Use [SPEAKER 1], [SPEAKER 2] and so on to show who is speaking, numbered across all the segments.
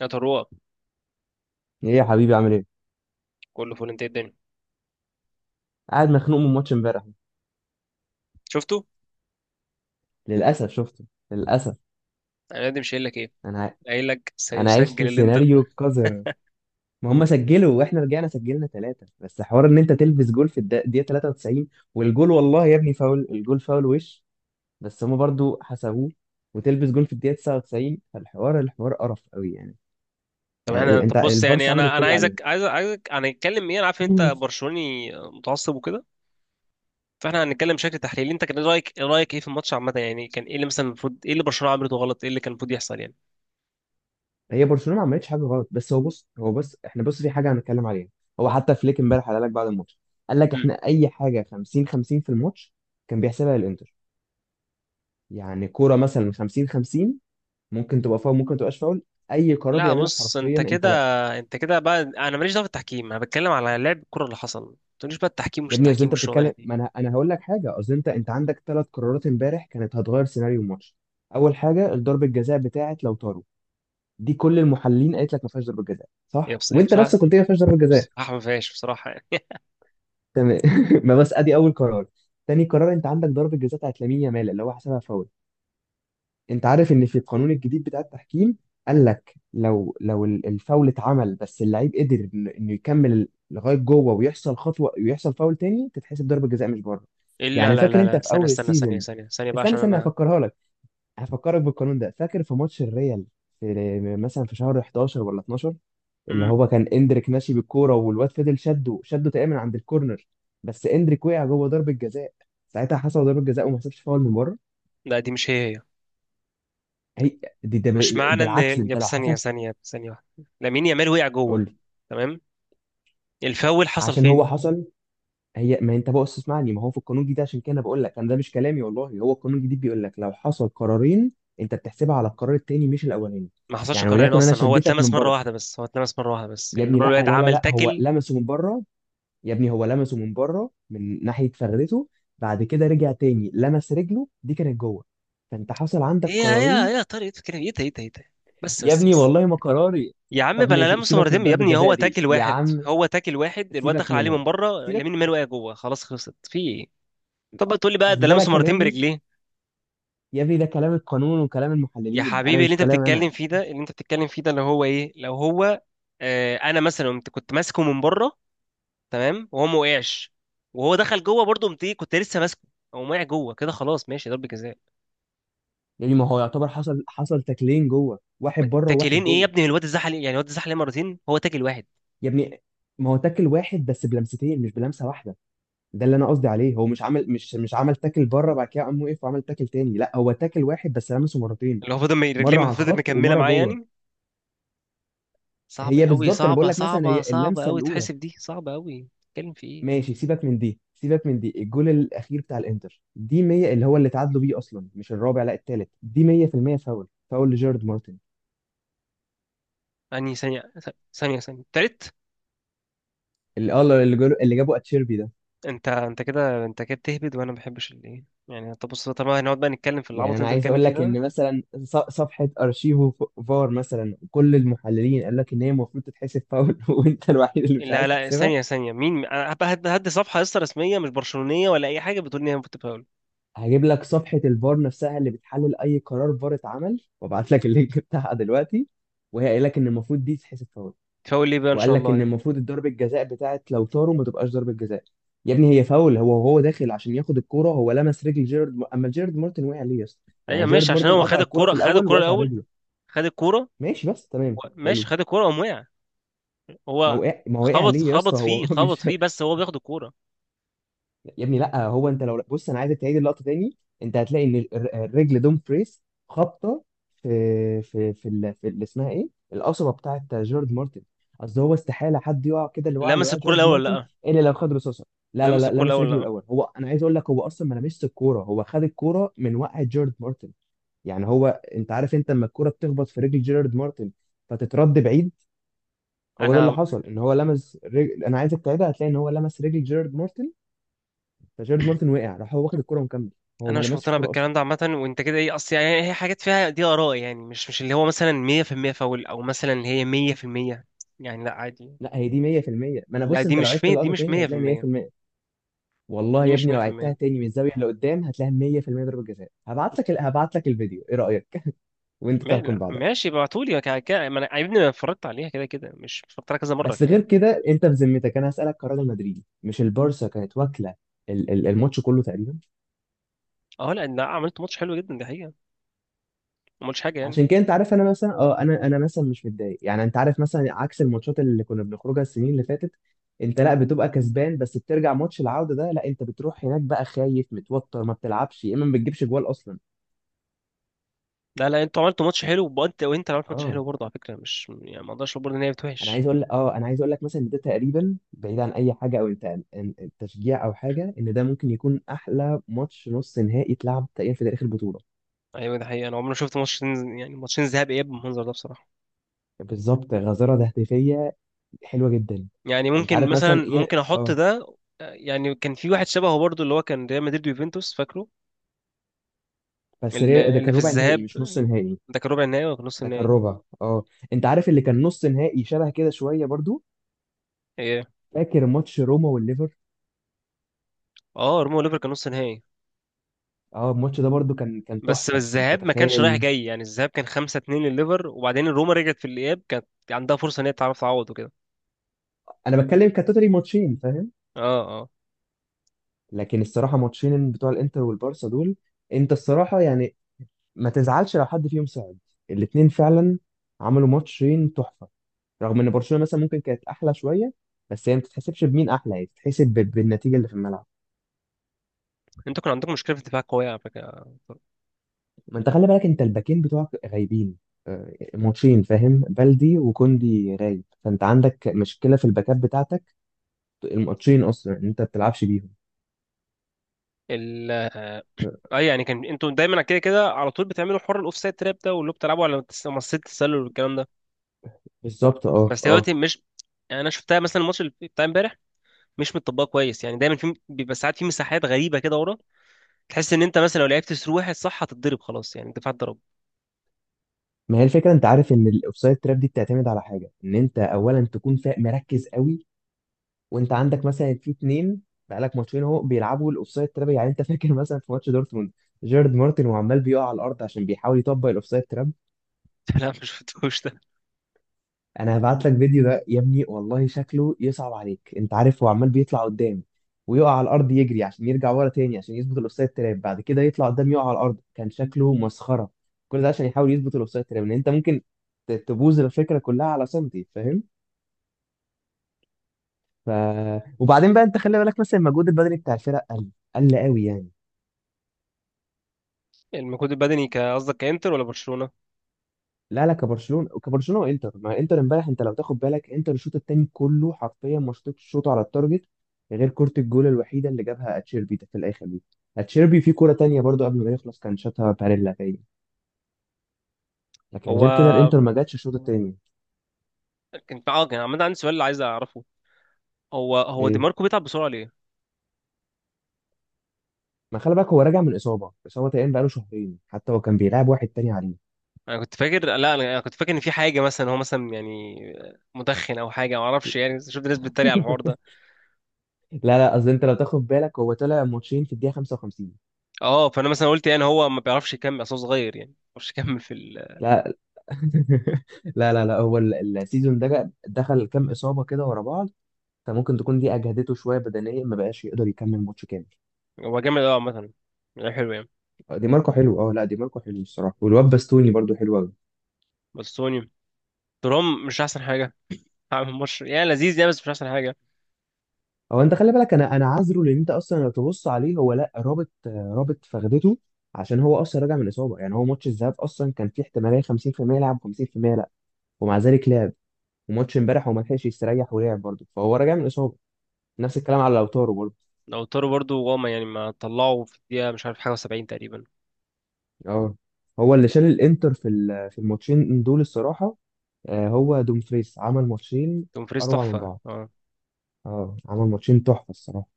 [SPEAKER 1] يا طروه،
[SPEAKER 2] ايه يا حبيبي عامل ايه؟
[SPEAKER 1] كله فول. انت إيه الدنيا؟
[SPEAKER 2] قاعد مخنوق من ماتش امبارح.
[SPEAKER 1] شفته.
[SPEAKER 2] للاسف شفته، للاسف.
[SPEAKER 1] انا قاعد مش قايل لك ايه؟
[SPEAKER 2] انا ع-
[SPEAKER 1] قايل لك
[SPEAKER 2] انا عشت
[SPEAKER 1] سيسجل الانتر.
[SPEAKER 2] سيناريو قذر. ما هم سجلوا واحنا رجعنا سجلنا ثلاثه، بس حوار ان انت تلبس جول في الدقيقه 93. والجول والله يا ابني فاول، الجول فاول وش، بس هم برضو حسبوه. وتلبس جول في الدقيقه 99. فالحوار قرف قوي
[SPEAKER 1] طب احنا طب
[SPEAKER 2] انت
[SPEAKER 1] بص،
[SPEAKER 2] البارسا
[SPEAKER 1] يعني
[SPEAKER 2] عملت
[SPEAKER 1] انا
[SPEAKER 2] كل اللي
[SPEAKER 1] عايزك هنتكلم ايه؟ انا عارف ان
[SPEAKER 2] عليها
[SPEAKER 1] انت برشلوني متعصب وكده. فاحنا هنتكلم بشكل تحليلي، انت كان رايك ايه في الماتش عامه يعني؟ كان ايه اللي مثلا المفروض، ايه اللي برشلونه عملته غلط، ايه اللي كان المفروض يحصل يعني؟
[SPEAKER 2] هي برشلونه ما عملتش حاجه غلط، بس هو بص احنا بص في حاجه هنتكلم عليها. هو حتى فليك امبارح قال لك بعد الماتش، قال لك
[SPEAKER 1] مم.
[SPEAKER 2] احنا اي حاجه 50 50 في الماتش كان بيحسبها للانتر. يعني كوره مثلا 50 50 ممكن تبقى فاول، ممكن تبقاش فاول، اي قرار
[SPEAKER 1] لا
[SPEAKER 2] بيعمله
[SPEAKER 1] بص،
[SPEAKER 2] حرفيا
[SPEAKER 1] انت
[SPEAKER 2] انت
[SPEAKER 1] كده
[SPEAKER 2] لا.
[SPEAKER 1] انت كده بقى انا ماليش دعوه بالتحكيم، انا بتكلم على لعب الكره اللي حصل. ما تقوليش بقى التحكيم مش
[SPEAKER 2] يا ابني اصل
[SPEAKER 1] التحكيم
[SPEAKER 2] انت
[SPEAKER 1] والشغلانه
[SPEAKER 2] بتتكلم،
[SPEAKER 1] دي.
[SPEAKER 2] ما انا هقول لك حاجه. اصل انت عندك ثلاث قرارات امبارح كانت هتغير سيناريو الماتش. اول حاجه ضربه الجزاء بتاعت لوتارو، دي كل المحللين قالت لك ما فيهاش ضربه جزاء
[SPEAKER 1] هي
[SPEAKER 2] صح،
[SPEAKER 1] بص... هي
[SPEAKER 2] وانت
[SPEAKER 1] بصراحه.
[SPEAKER 2] نفسك قلت لي ما فيهاش ضربه جزاء.
[SPEAKER 1] بصراحه ما فيهاش، بصراحه.
[SPEAKER 2] تمام ما بس ادي اول قرار. تاني قرار، انت عندك ضربه جزاء بتاعت لامين يامال اللي هو حسبها فاول. انت عارف ان في القانون الجديد بتاع التحكيم، قال لك لو الفاول اتعمل بس اللعيب قدر انه يكمل لغايه جوه ويحصل خطوه ويحصل فاول تاني، تتحسب ضربه جزاء مش بره.
[SPEAKER 1] الا،
[SPEAKER 2] يعني
[SPEAKER 1] لا
[SPEAKER 2] فاكر
[SPEAKER 1] لا
[SPEAKER 2] انت
[SPEAKER 1] لا،
[SPEAKER 2] في
[SPEAKER 1] ثانيه
[SPEAKER 2] اول
[SPEAKER 1] استنى، ثانيه
[SPEAKER 2] السيزون،
[SPEAKER 1] ثانيه ثانيه بقى
[SPEAKER 2] استنى
[SPEAKER 1] عشان
[SPEAKER 2] استنى
[SPEAKER 1] انا...
[SPEAKER 2] هفكرها لك، هفكرك بالقانون ده. فاكر في ماتش الريال، في مثلا في شهر 11 ولا 12، اللي
[SPEAKER 1] امم.
[SPEAKER 2] هو كان اندريك ماشي بالكوره والواد فضل شده تقريبا من عند الكورنر، بس اندريك وقع جوه ضربه جزاء. ساعتها حسب ضربه جزاء وما حسبش فاول من بره.
[SPEAKER 1] لا، دي مش هي.
[SPEAKER 2] هي دي،
[SPEAKER 1] مش معنى ان
[SPEAKER 2] بالعكس ده
[SPEAKER 1] يا،
[SPEAKER 2] انت لو
[SPEAKER 1] بس ثانيه
[SPEAKER 2] حسب.
[SPEAKER 1] ثانيه ثانيه واحده، لامين يامال وقع
[SPEAKER 2] قول
[SPEAKER 1] جوه.
[SPEAKER 2] لي.
[SPEAKER 1] تمام. الفاول حصل
[SPEAKER 2] عشان
[SPEAKER 1] فين؟
[SPEAKER 2] هو حصل. هي ما انت بص اسمعني، ما هو في القانون الجديد، عشان كده أنا بقول لك انا، ده مش كلامي والله، هو القانون الجديد بيقول لك لو حصل قرارين انت بتحسبها على القرار التاني مش الاولاني.
[SPEAKER 1] ما حصلش
[SPEAKER 2] يعني
[SPEAKER 1] قررين
[SPEAKER 2] وليكن انا
[SPEAKER 1] اصلا، هو
[SPEAKER 2] شدتك
[SPEAKER 1] اتلمس
[SPEAKER 2] من
[SPEAKER 1] مره
[SPEAKER 2] بره.
[SPEAKER 1] واحده بس، هو اتلمس مره واحده بس،
[SPEAKER 2] يا ابني لا
[SPEAKER 1] الواد
[SPEAKER 2] لا لا
[SPEAKER 1] عمل
[SPEAKER 2] لا هو
[SPEAKER 1] تاكل.
[SPEAKER 2] لمسه من بره، يا ابني هو لمسه من بره من ناحية فرده. بعد كده رجع تاني لمس رجله، دي كانت جوه. فانت حصل
[SPEAKER 1] ايه
[SPEAKER 2] عندك
[SPEAKER 1] يا إيه يا
[SPEAKER 2] قرارين.
[SPEAKER 1] إيه يا طارق كده؟ ايه ده؟ ايه ده؟ ايه ده؟ بس،
[SPEAKER 2] يا
[SPEAKER 1] بس،
[SPEAKER 2] ابني
[SPEAKER 1] بس.
[SPEAKER 2] والله ما قراري.
[SPEAKER 1] يا عم
[SPEAKER 2] طب
[SPEAKER 1] بلا
[SPEAKER 2] ماشي،
[SPEAKER 1] لمسه
[SPEAKER 2] سيبك من
[SPEAKER 1] مرتين يا
[SPEAKER 2] ضربة
[SPEAKER 1] ابني،
[SPEAKER 2] الجزاء
[SPEAKER 1] هو
[SPEAKER 2] دي
[SPEAKER 1] تاكل
[SPEAKER 2] يا
[SPEAKER 1] واحد،
[SPEAKER 2] عم،
[SPEAKER 1] هو تاكل واحد. الواد
[SPEAKER 2] سيبك
[SPEAKER 1] دخل عليه
[SPEAKER 2] منها،
[SPEAKER 1] من بره،
[SPEAKER 2] سيبك.
[SPEAKER 1] لامين يامال وقع جوه، خلاص، خلصت في ايه؟ طب بقى تقول لي بقى
[SPEAKER 2] اصل
[SPEAKER 1] ده
[SPEAKER 2] ده لا
[SPEAKER 1] لمسه مرتين
[SPEAKER 2] كلامي،
[SPEAKER 1] برجليه؟
[SPEAKER 2] يا ابني ده كلام القانون وكلام
[SPEAKER 1] يا
[SPEAKER 2] المحللين، انا
[SPEAKER 1] حبيبي، اللي
[SPEAKER 2] مش
[SPEAKER 1] انت
[SPEAKER 2] كلام
[SPEAKER 1] بتتكلم
[SPEAKER 2] انا.
[SPEAKER 1] فيه ده، اللي انت بتتكلم فيه ده، اللي هو ايه لو هو... آه، انا مثلا كنت ماسكه من بره. تمام وهو ما وقعش، وهو دخل جوه برضه قمت ايه، كنت لسه ماسكه. هو وقع جوه كده، خلاص ماشي ضربة جزاء.
[SPEAKER 2] يعني ما هو يعتبر حصل، حصل تاكلين جوه، واحد بره وواحد
[SPEAKER 1] تاكلين ايه يا
[SPEAKER 2] جوه.
[SPEAKER 1] ابني؟ الواد اتزحلق، يعني الواد اتزحلق مرتين، هو تاكل واحد.
[SPEAKER 2] يا ابني ما هو تاكل واحد بس بلمستين، مش بلمسة واحدة. ده اللي انا قصدي عليه، هو مش عمل تاكل بره بعد كده قام وقف وعمل تاكل تاني، لا هو تاكل واحد بس لمسه مرتين،
[SPEAKER 1] اللي هو فضل رجليه
[SPEAKER 2] مره
[SPEAKER 1] ما
[SPEAKER 2] على
[SPEAKER 1] فضل
[SPEAKER 2] الخط
[SPEAKER 1] مكمله
[SPEAKER 2] ومره
[SPEAKER 1] معاه
[SPEAKER 2] جوه.
[SPEAKER 1] يعني. صعب
[SPEAKER 2] هي
[SPEAKER 1] قوي،
[SPEAKER 2] بالظبط، انا بقول
[SPEAKER 1] صعبه
[SPEAKER 2] لك مثلا
[SPEAKER 1] صعبه
[SPEAKER 2] هي
[SPEAKER 1] صعبه
[SPEAKER 2] اللمسه
[SPEAKER 1] قوي
[SPEAKER 2] الاولى
[SPEAKER 1] تحسب دي، صعبه قوي، بتتكلم في ايه؟
[SPEAKER 2] ماشي، سيبك من دي، سيبك من دي. الجول الاخير بتاع الانتر دي 100 اللي هو اللي تعادلوا بيه اصلا، مش الرابع لا التالت، دي 100% فاول، فاول لجيرارد مارتن.
[SPEAKER 1] يعني ثانيه، ثانيه، ثانيه تالت.
[SPEAKER 2] اللي اه اللي جابوا، اللي جابوا اتشيربي ده.
[SPEAKER 1] انت كده، انت كده بتهبد، وانا ما بحبش الايه يعني. طب بص، طالما هنقعد بقى نتكلم في
[SPEAKER 2] يعني
[SPEAKER 1] العبط اللي
[SPEAKER 2] انا
[SPEAKER 1] انت
[SPEAKER 2] عايز
[SPEAKER 1] بتتكلم
[SPEAKER 2] اقول
[SPEAKER 1] فيه
[SPEAKER 2] لك
[SPEAKER 1] ده.
[SPEAKER 2] ان مثلا صفحه ارشيفو فار مثلا، كل المحللين قال لك ان هي المفروض تتحسب فاول وانت الوحيد اللي مش
[SPEAKER 1] لا
[SPEAKER 2] عايز
[SPEAKER 1] لا،
[SPEAKER 2] تحسبها.
[SPEAKER 1] ثانيه ثانيه، مين انا هبقى هدي صفحه لسه رسميه مش برشلونيه ولا اي حاجه بتقول ان هي المفروض تفاول؟
[SPEAKER 2] هجيب لك صفحة الفار نفسها اللي بتحلل أي قرار فار اتعمل وابعت لك اللينك بتاعها دلوقتي، وهي قايل لك إن المفروض دي تتحسب فاول.
[SPEAKER 1] تفاول ليه بقى ان
[SPEAKER 2] وقال
[SPEAKER 1] شاء
[SPEAKER 2] لك
[SPEAKER 1] الله
[SPEAKER 2] إن
[SPEAKER 1] يعني؟
[SPEAKER 2] المفروض الضربة جزاء بتاعت لو طاروا ما تبقاش ضربة جزاء. يا ابني هي فاول، هو وهو داخل عشان ياخد الكورة هو لمس رجل أما جيرارد مارتن وقع ليه يا اسطى؟ يعني
[SPEAKER 1] ايوه
[SPEAKER 2] جيرارد
[SPEAKER 1] ماشي، عشان
[SPEAKER 2] مارتن
[SPEAKER 1] هو
[SPEAKER 2] قطع
[SPEAKER 1] خد
[SPEAKER 2] الكورة في
[SPEAKER 1] الكوره، خد
[SPEAKER 2] الأول،
[SPEAKER 1] الكوره
[SPEAKER 2] وقف على
[SPEAKER 1] الاول،
[SPEAKER 2] رجله،
[SPEAKER 1] خد الكوره
[SPEAKER 2] ماشي، بس تمام
[SPEAKER 1] ماشي
[SPEAKER 2] حلو.
[SPEAKER 1] خد الكوره قام وقع.
[SPEAKER 2] ما
[SPEAKER 1] هو
[SPEAKER 2] وقع، ما وقع
[SPEAKER 1] خبط،
[SPEAKER 2] ليه يا
[SPEAKER 1] خبط
[SPEAKER 2] اسطى هو
[SPEAKER 1] فيه، خبط
[SPEAKER 2] مش،
[SPEAKER 1] فيه بس هو بياخد الكوره.
[SPEAKER 2] يا ابني لا، هو انت لو بص انا عايزك تعيد اللقطه تاني، انت هتلاقي ان الرجل دوم فريس خابطه في في اللي اسمها ايه القصبه بتاعت جورج مارتن. اصل هو استحاله حد يقع كده، اللي وقع، اللي
[SPEAKER 1] لمس
[SPEAKER 2] وقع
[SPEAKER 1] الكوره
[SPEAKER 2] جورج
[SPEAKER 1] الاول ولا
[SPEAKER 2] مارتن
[SPEAKER 1] لا؟
[SPEAKER 2] الا لو خد رصاصه. لا لا
[SPEAKER 1] لمس
[SPEAKER 2] لا
[SPEAKER 1] الكوره
[SPEAKER 2] لمس
[SPEAKER 1] الاول ولا
[SPEAKER 2] رجله
[SPEAKER 1] لا؟
[SPEAKER 2] الاول، هو انا عايز اقول لك هو اصلا ما لمسش الكوره، هو خد الكوره من وقع جورج مارتن. يعني هو، انت عارف انت لما الكوره بتخبط في رجل جيرارد مارتن فتترد بعيد، هو ده اللي
[SPEAKER 1] انا
[SPEAKER 2] حصل، ان هو لمس رجل. انا عايزك تعيدها هتلاقي ان هو لمس رجل جيرارد مارتن، فجيرارد مارتن وقع راح هو واخد الكرة ومكمل. هو
[SPEAKER 1] انا
[SPEAKER 2] ما
[SPEAKER 1] مش
[SPEAKER 2] لمسش
[SPEAKER 1] مقتنع
[SPEAKER 2] الكرة اصلا.
[SPEAKER 1] بالكلام ده عامه، وانت كده ايه اصل؟ يعني هي حاجات فيها دي اراء، يعني مش اللي هو مثلا 100% فاول، او مثلا اللي هي 100%، يعني لا عادي.
[SPEAKER 2] لا هي دي 100%، ما انا
[SPEAKER 1] لا،
[SPEAKER 2] بص
[SPEAKER 1] دي
[SPEAKER 2] انت لو
[SPEAKER 1] مش
[SPEAKER 2] عدت
[SPEAKER 1] مية، دي
[SPEAKER 2] اللقطة
[SPEAKER 1] مش
[SPEAKER 2] تاني هتلاقي إن
[SPEAKER 1] 100%،
[SPEAKER 2] 100%. والله
[SPEAKER 1] دي
[SPEAKER 2] يا
[SPEAKER 1] مش
[SPEAKER 2] ابني لو عدتها
[SPEAKER 1] 100%.
[SPEAKER 2] تاني من الزاوية اللي قدام هتلاقيها 100% ضربة جزاء. هبعت لك هبعت لك الفيديو، ايه رأيك وانت تحكم
[SPEAKER 1] لا
[SPEAKER 2] بعدها.
[SPEAKER 1] ماشي ابعتولي، ما انا يا ابني، انا اتفرجت عليها كده كده، مش اتفرجت عليها كذا مره
[SPEAKER 2] بس غير
[SPEAKER 1] كمان.
[SPEAKER 2] كده، انت بذمتك انا هسألك كراجل مدريدي مش البارسا، كانت واكلة الماتش كله تقريبا.
[SPEAKER 1] اه، لا لا، عملت ماتش حلو جدا دي حقيقه، ما قلتش حاجه يعني.
[SPEAKER 2] عشان كده انت عارف انا مثلا اه، انا مثلا مش متضايق يعني، انت عارف مثلا عكس الماتشات اللي كنا بنخرجها السنين اللي فاتت، انت لا بتبقى كسبان، بس بترجع ماتش العودة ده لا انت بتروح هناك بقى خايف متوتر، ما بتلعبش يا اما ما بتجيبش جوال اصلا.
[SPEAKER 1] لا لا، انتوا عملتوا ماتش حلو، وانت اللي عملت ماتش
[SPEAKER 2] اه،
[SPEAKER 1] حلو برضه على فكره، مش يعني ما اقدرش اقول برضه ان هي
[SPEAKER 2] انا
[SPEAKER 1] بتوحش.
[SPEAKER 2] عايز اقول اه، انا عايز اقول لك مثلا ان ده تقريبا بعيد عن اي حاجه او انت تشجيع او حاجه، ان ده ممكن يكون احلى ماتش نص نهائي اتلعب تقريبا في تاريخ البطوله.
[SPEAKER 1] ايوه ده حقيقه، انا عمري ما شفت ماتش، يعني ماتشين ذهاب اياب بالمنظر ده بصراحه.
[SPEAKER 2] بالظبط، غزاره تهديفيه حلوه جدا.
[SPEAKER 1] يعني
[SPEAKER 2] انت
[SPEAKER 1] ممكن
[SPEAKER 2] عارف
[SPEAKER 1] مثلا،
[SPEAKER 2] مثلا
[SPEAKER 1] ممكن
[SPEAKER 2] ايه
[SPEAKER 1] احط
[SPEAKER 2] اه،
[SPEAKER 1] ده. يعني كان في واحد شبهه برضو، اللي هو كان ريال مدريد ويوفنتوس، فاكره؟ اللي,
[SPEAKER 2] ده
[SPEAKER 1] اللي
[SPEAKER 2] كان
[SPEAKER 1] في
[SPEAKER 2] ربع نهائي
[SPEAKER 1] الذهاب.
[SPEAKER 2] مش نص نهائي.
[SPEAKER 1] ده كان ربع النهائي ولا كان نص
[SPEAKER 2] ده كان
[SPEAKER 1] النهائي؟
[SPEAKER 2] ربع، اه. انت عارف اللي كان نص نهائي شبه كده شويه برضو،
[SPEAKER 1] ايه،
[SPEAKER 2] فاكر ماتش روما والليفر؟
[SPEAKER 1] اه، روما وليفر كان نص نهائي.
[SPEAKER 2] اه الماتش ده برضو كان، كان
[SPEAKER 1] بس
[SPEAKER 2] تحفه انت
[SPEAKER 1] الذهاب ما كانش رايح
[SPEAKER 2] تخيل.
[SPEAKER 1] جاي، يعني الذهاب كان 5-2 لليفر وبعدين روما رجعت في الاياب، كانت عندها فرصه ان هي تعرف تعوض وكده.
[SPEAKER 2] انا بتكلم كتوتالي ماتشين فاهم؟
[SPEAKER 1] اه، اه،
[SPEAKER 2] لكن الصراحه ماتشين بتوع الانتر والبارسا دول، انت الصراحه يعني ما تزعلش لو حد فيهم صعد، الاتنين فعلا عملوا ماتشين تحفه. رغم ان برشلونه مثلا ممكن كانت احلى شويه، بس هي ما تتحسبش بمين احلى، هي تتحسب بالنتيجه اللي في الملعب.
[SPEAKER 1] انتوا كان عندكم مشكله في الدفاع قويه على فكره.
[SPEAKER 2] ما انت خلي بالك انت الباكين بتوعك غايبين، آه، ماتشين فاهم، بلدي وكوندي غايب، فانت عندك مشكله في الباكات بتاعتك، الماتشين اصلا ان انت ما بتلعبش بيهم.
[SPEAKER 1] ال
[SPEAKER 2] آه،
[SPEAKER 1] اه يعني كان انتوا دايما كده كده على طول بتعملوا حوار الاوفسايد تراب ده، واللي هو بتلعبوا على مصيدة التسلل والكلام ده.
[SPEAKER 2] بالظبط اه
[SPEAKER 1] بس هي
[SPEAKER 2] اه.
[SPEAKER 1] دلوقتي مش... يعني انا شفتها مثلا الماتش اللي بتاع امبارح، مش متطبقه كويس يعني، دايما في بيبقى ساعات في مساحات غريبه كده ورا، تحس ان انت مثلا لو لعبت سرو واحد صح هتتضرب، خلاص يعني الدفاع اتضرب.
[SPEAKER 2] ما هي الفكره، انت عارف ان الاوفسايد تراب دي بتعتمد على حاجه، ان انت اولا تكون مركز قوي. وانت عندك مثلا في اتنين، بقالك ماتشين اهو بيلعبوا الاوفسايد تراب، يعني انت فاكر مثلا في ماتش دورتموند جيرارد مارتن وعمال بيقع على الارض عشان بيحاول يطبق الاوفسايد تراب.
[SPEAKER 1] لا ما شفتوش ده.
[SPEAKER 2] انا هبعت لك فيديو ده يا ابني والله شكله يصعب عليك، انت عارف هو عمال بيطلع قدام ويقع على الارض، يجري عشان يرجع ورا تاني عشان يظبط الاوفسايد تراب، بعد كده يطلع قدام يقع على الارض، كان شكله مسخره. كل ده عشان يحاول يظبط الاوفسايد تراب، ان انت ممكن تبوظ الفكره كلها على سنتي فاهم. ف... وبعدين بقى انت خلي بالك مثلا المجهود البدني بتاع الفرق قل، قل قوي يعني.
[SPEAKER 1] المجهود البدني، قصدك كانتر ولا برشلونه؟
[SPEAKER 2] لا لا، كبرشلونه، كبرشلونه وانتر. ما انتر امبارح انت لو تاخد بالك، انتر الشوط الثاني كله حرفيا ما شطتش شوط على التارجت غير كره الجول الوحيده اللي جابها اتشيربي ده في الاخر دي. اتشيربي في كره تانية برضو قبل ما يخلص كان شاتها باريلا تاني،
[SPEAKER 1] هو
[SPEAKER 2] لكن غير كده الانتر ما جاتش الشوط الثاني.
[SPEAKER 1] كان عامه عندي سؤال اللي عايز اعرفه، هو دي
[SPEAKER 2] ايه،
[SPEAKER 1] ماركو بيتعب بسرعه ليه؟
[SPEAKER 2] ما خلي بالك هو راجع من اصابه، اصابه تقريبا بقاله شهرين، حتى هو كان بيلعب واحد تاني عليه
[SPEAKER 1] انا كنت فاكر، لا، انا كنت فاكر ان في حاجه مثلا، هو مثلا يعني مدخن او حاجه ما اعرفش، يعني شفت ناس بتتريق على الحوار ده.
[SPEAKER 2] لا لا، قصدي انت لو تاخد بالك هو طلع ماتشين في الدقيقه 55.
[SPEAKER 1] اه، فانا مثلا قلت يعني هو ما بيعرفش يكمل اصلا صغير يعني، ما بيعرفش يكمل في...
[SPEAKER 2] لا لا لا هو السيزون ده دخل كام اصابه كده ورا بعض، فممكن تكون دي اجهدته شويه بدنيا ما بقاش يقدر يكمل ماتش كامل.
[SPEAKER 1] هو جامد قوي عامة، لعيب حلو يعني.
[SPEAKER 2] دي ماركو حلو اه، لا دي ماركو حلو الصراحه، والواد باستوني برضو حلو قوي.
[SPEAKER 1] بس سوني ترام مش أحسن حاجة، عامل ماتش يعني لذيذ يعني، بس مش أحسن حاجة.
[SPEAKER 2] هو انت خلي بالك انا، عذره لان انت اصلا لو تبص عليه هو لا رابط، رابط فخدته، عشان هو اصلا راجع من اصابه. يعني هو ماتش الذهاب اصلا كان فيه احتماليه 50% يلعب 50% لا، ومع ذلك لعب. وماتش امبارح هو ما لحقش يستريح ولعب برضه، فهو راجع من اصابه. نفس الكلام على لوتارو برضه.
[SPEAKER 1] لو تورو برضو وهما، يعني ما طلعوا في الدقيقة مش عارف حاجة وسبعين تقريبا.
[SPEAKER 2] اه، هو اللي شال الانتر في الماتشين دول الصراحه. آه، هو دومفريس عمل ماتشين
[SPEAKER 1] دومفريز
[SPEAKER 2] اروع من
[SPEAKER 1] تحفة،
[SPEAKER 2] بعض.
[SPEAKER 1] اه،
[SPEAKER 2] اه عمل ماتشين تحفه الصراحه.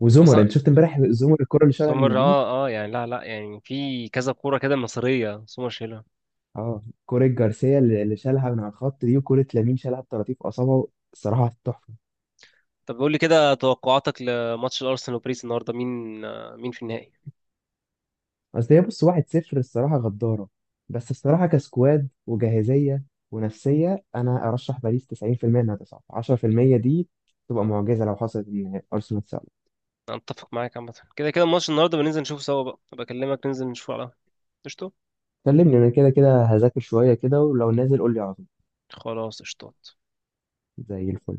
[SPEAKER 2] وزمر
[SPEAKER 1] أصلا.
[SPEAKER 2] انت شفت امبارح زمر الكره اللي شالها من
[SPEAKER 1] سومر،
[SPEAKER 2] يمين؟
[SPEAKER 1] اه اه، يعني لا لا، يعني في كذا كورة كده مصرية سومر شايلها.
[SPEAKER 2] اه كره جارسيا اللي، اللي شالها من على الخط دي، وكره لامين شالها بطراطيف اصابعه. الصراحه تحفه.
[SPEAKER 1] طب قول لي كده توقعاتك لماتش الأرسنال وباريس النهاردة، مين في النهائي؟
[SPEAKER 2] اصل هي بص 1-0، الصراحه غداره، بس الصراحه كسكواد وجاهزيه ونفسيه انا ارشح باريس 90% انها تصعد، 10% دي تبقى معجزه لو حصلت ان ارسنال تصعد.
[SPEAKER 1] أنا أتفق معاك، عامة كده كده الماتش النهاردة بننزل نشوفه سوا، بقى بكلمك ننزل نشوفه على قشطة.
[SPEAKER 2] كلمني، انا كده كده هذاكر شويه كده، ولو نازل قول لي على طول.
[SPEAKER 1] خلاص قشطات.
[SPEAKER 2] زي الفل.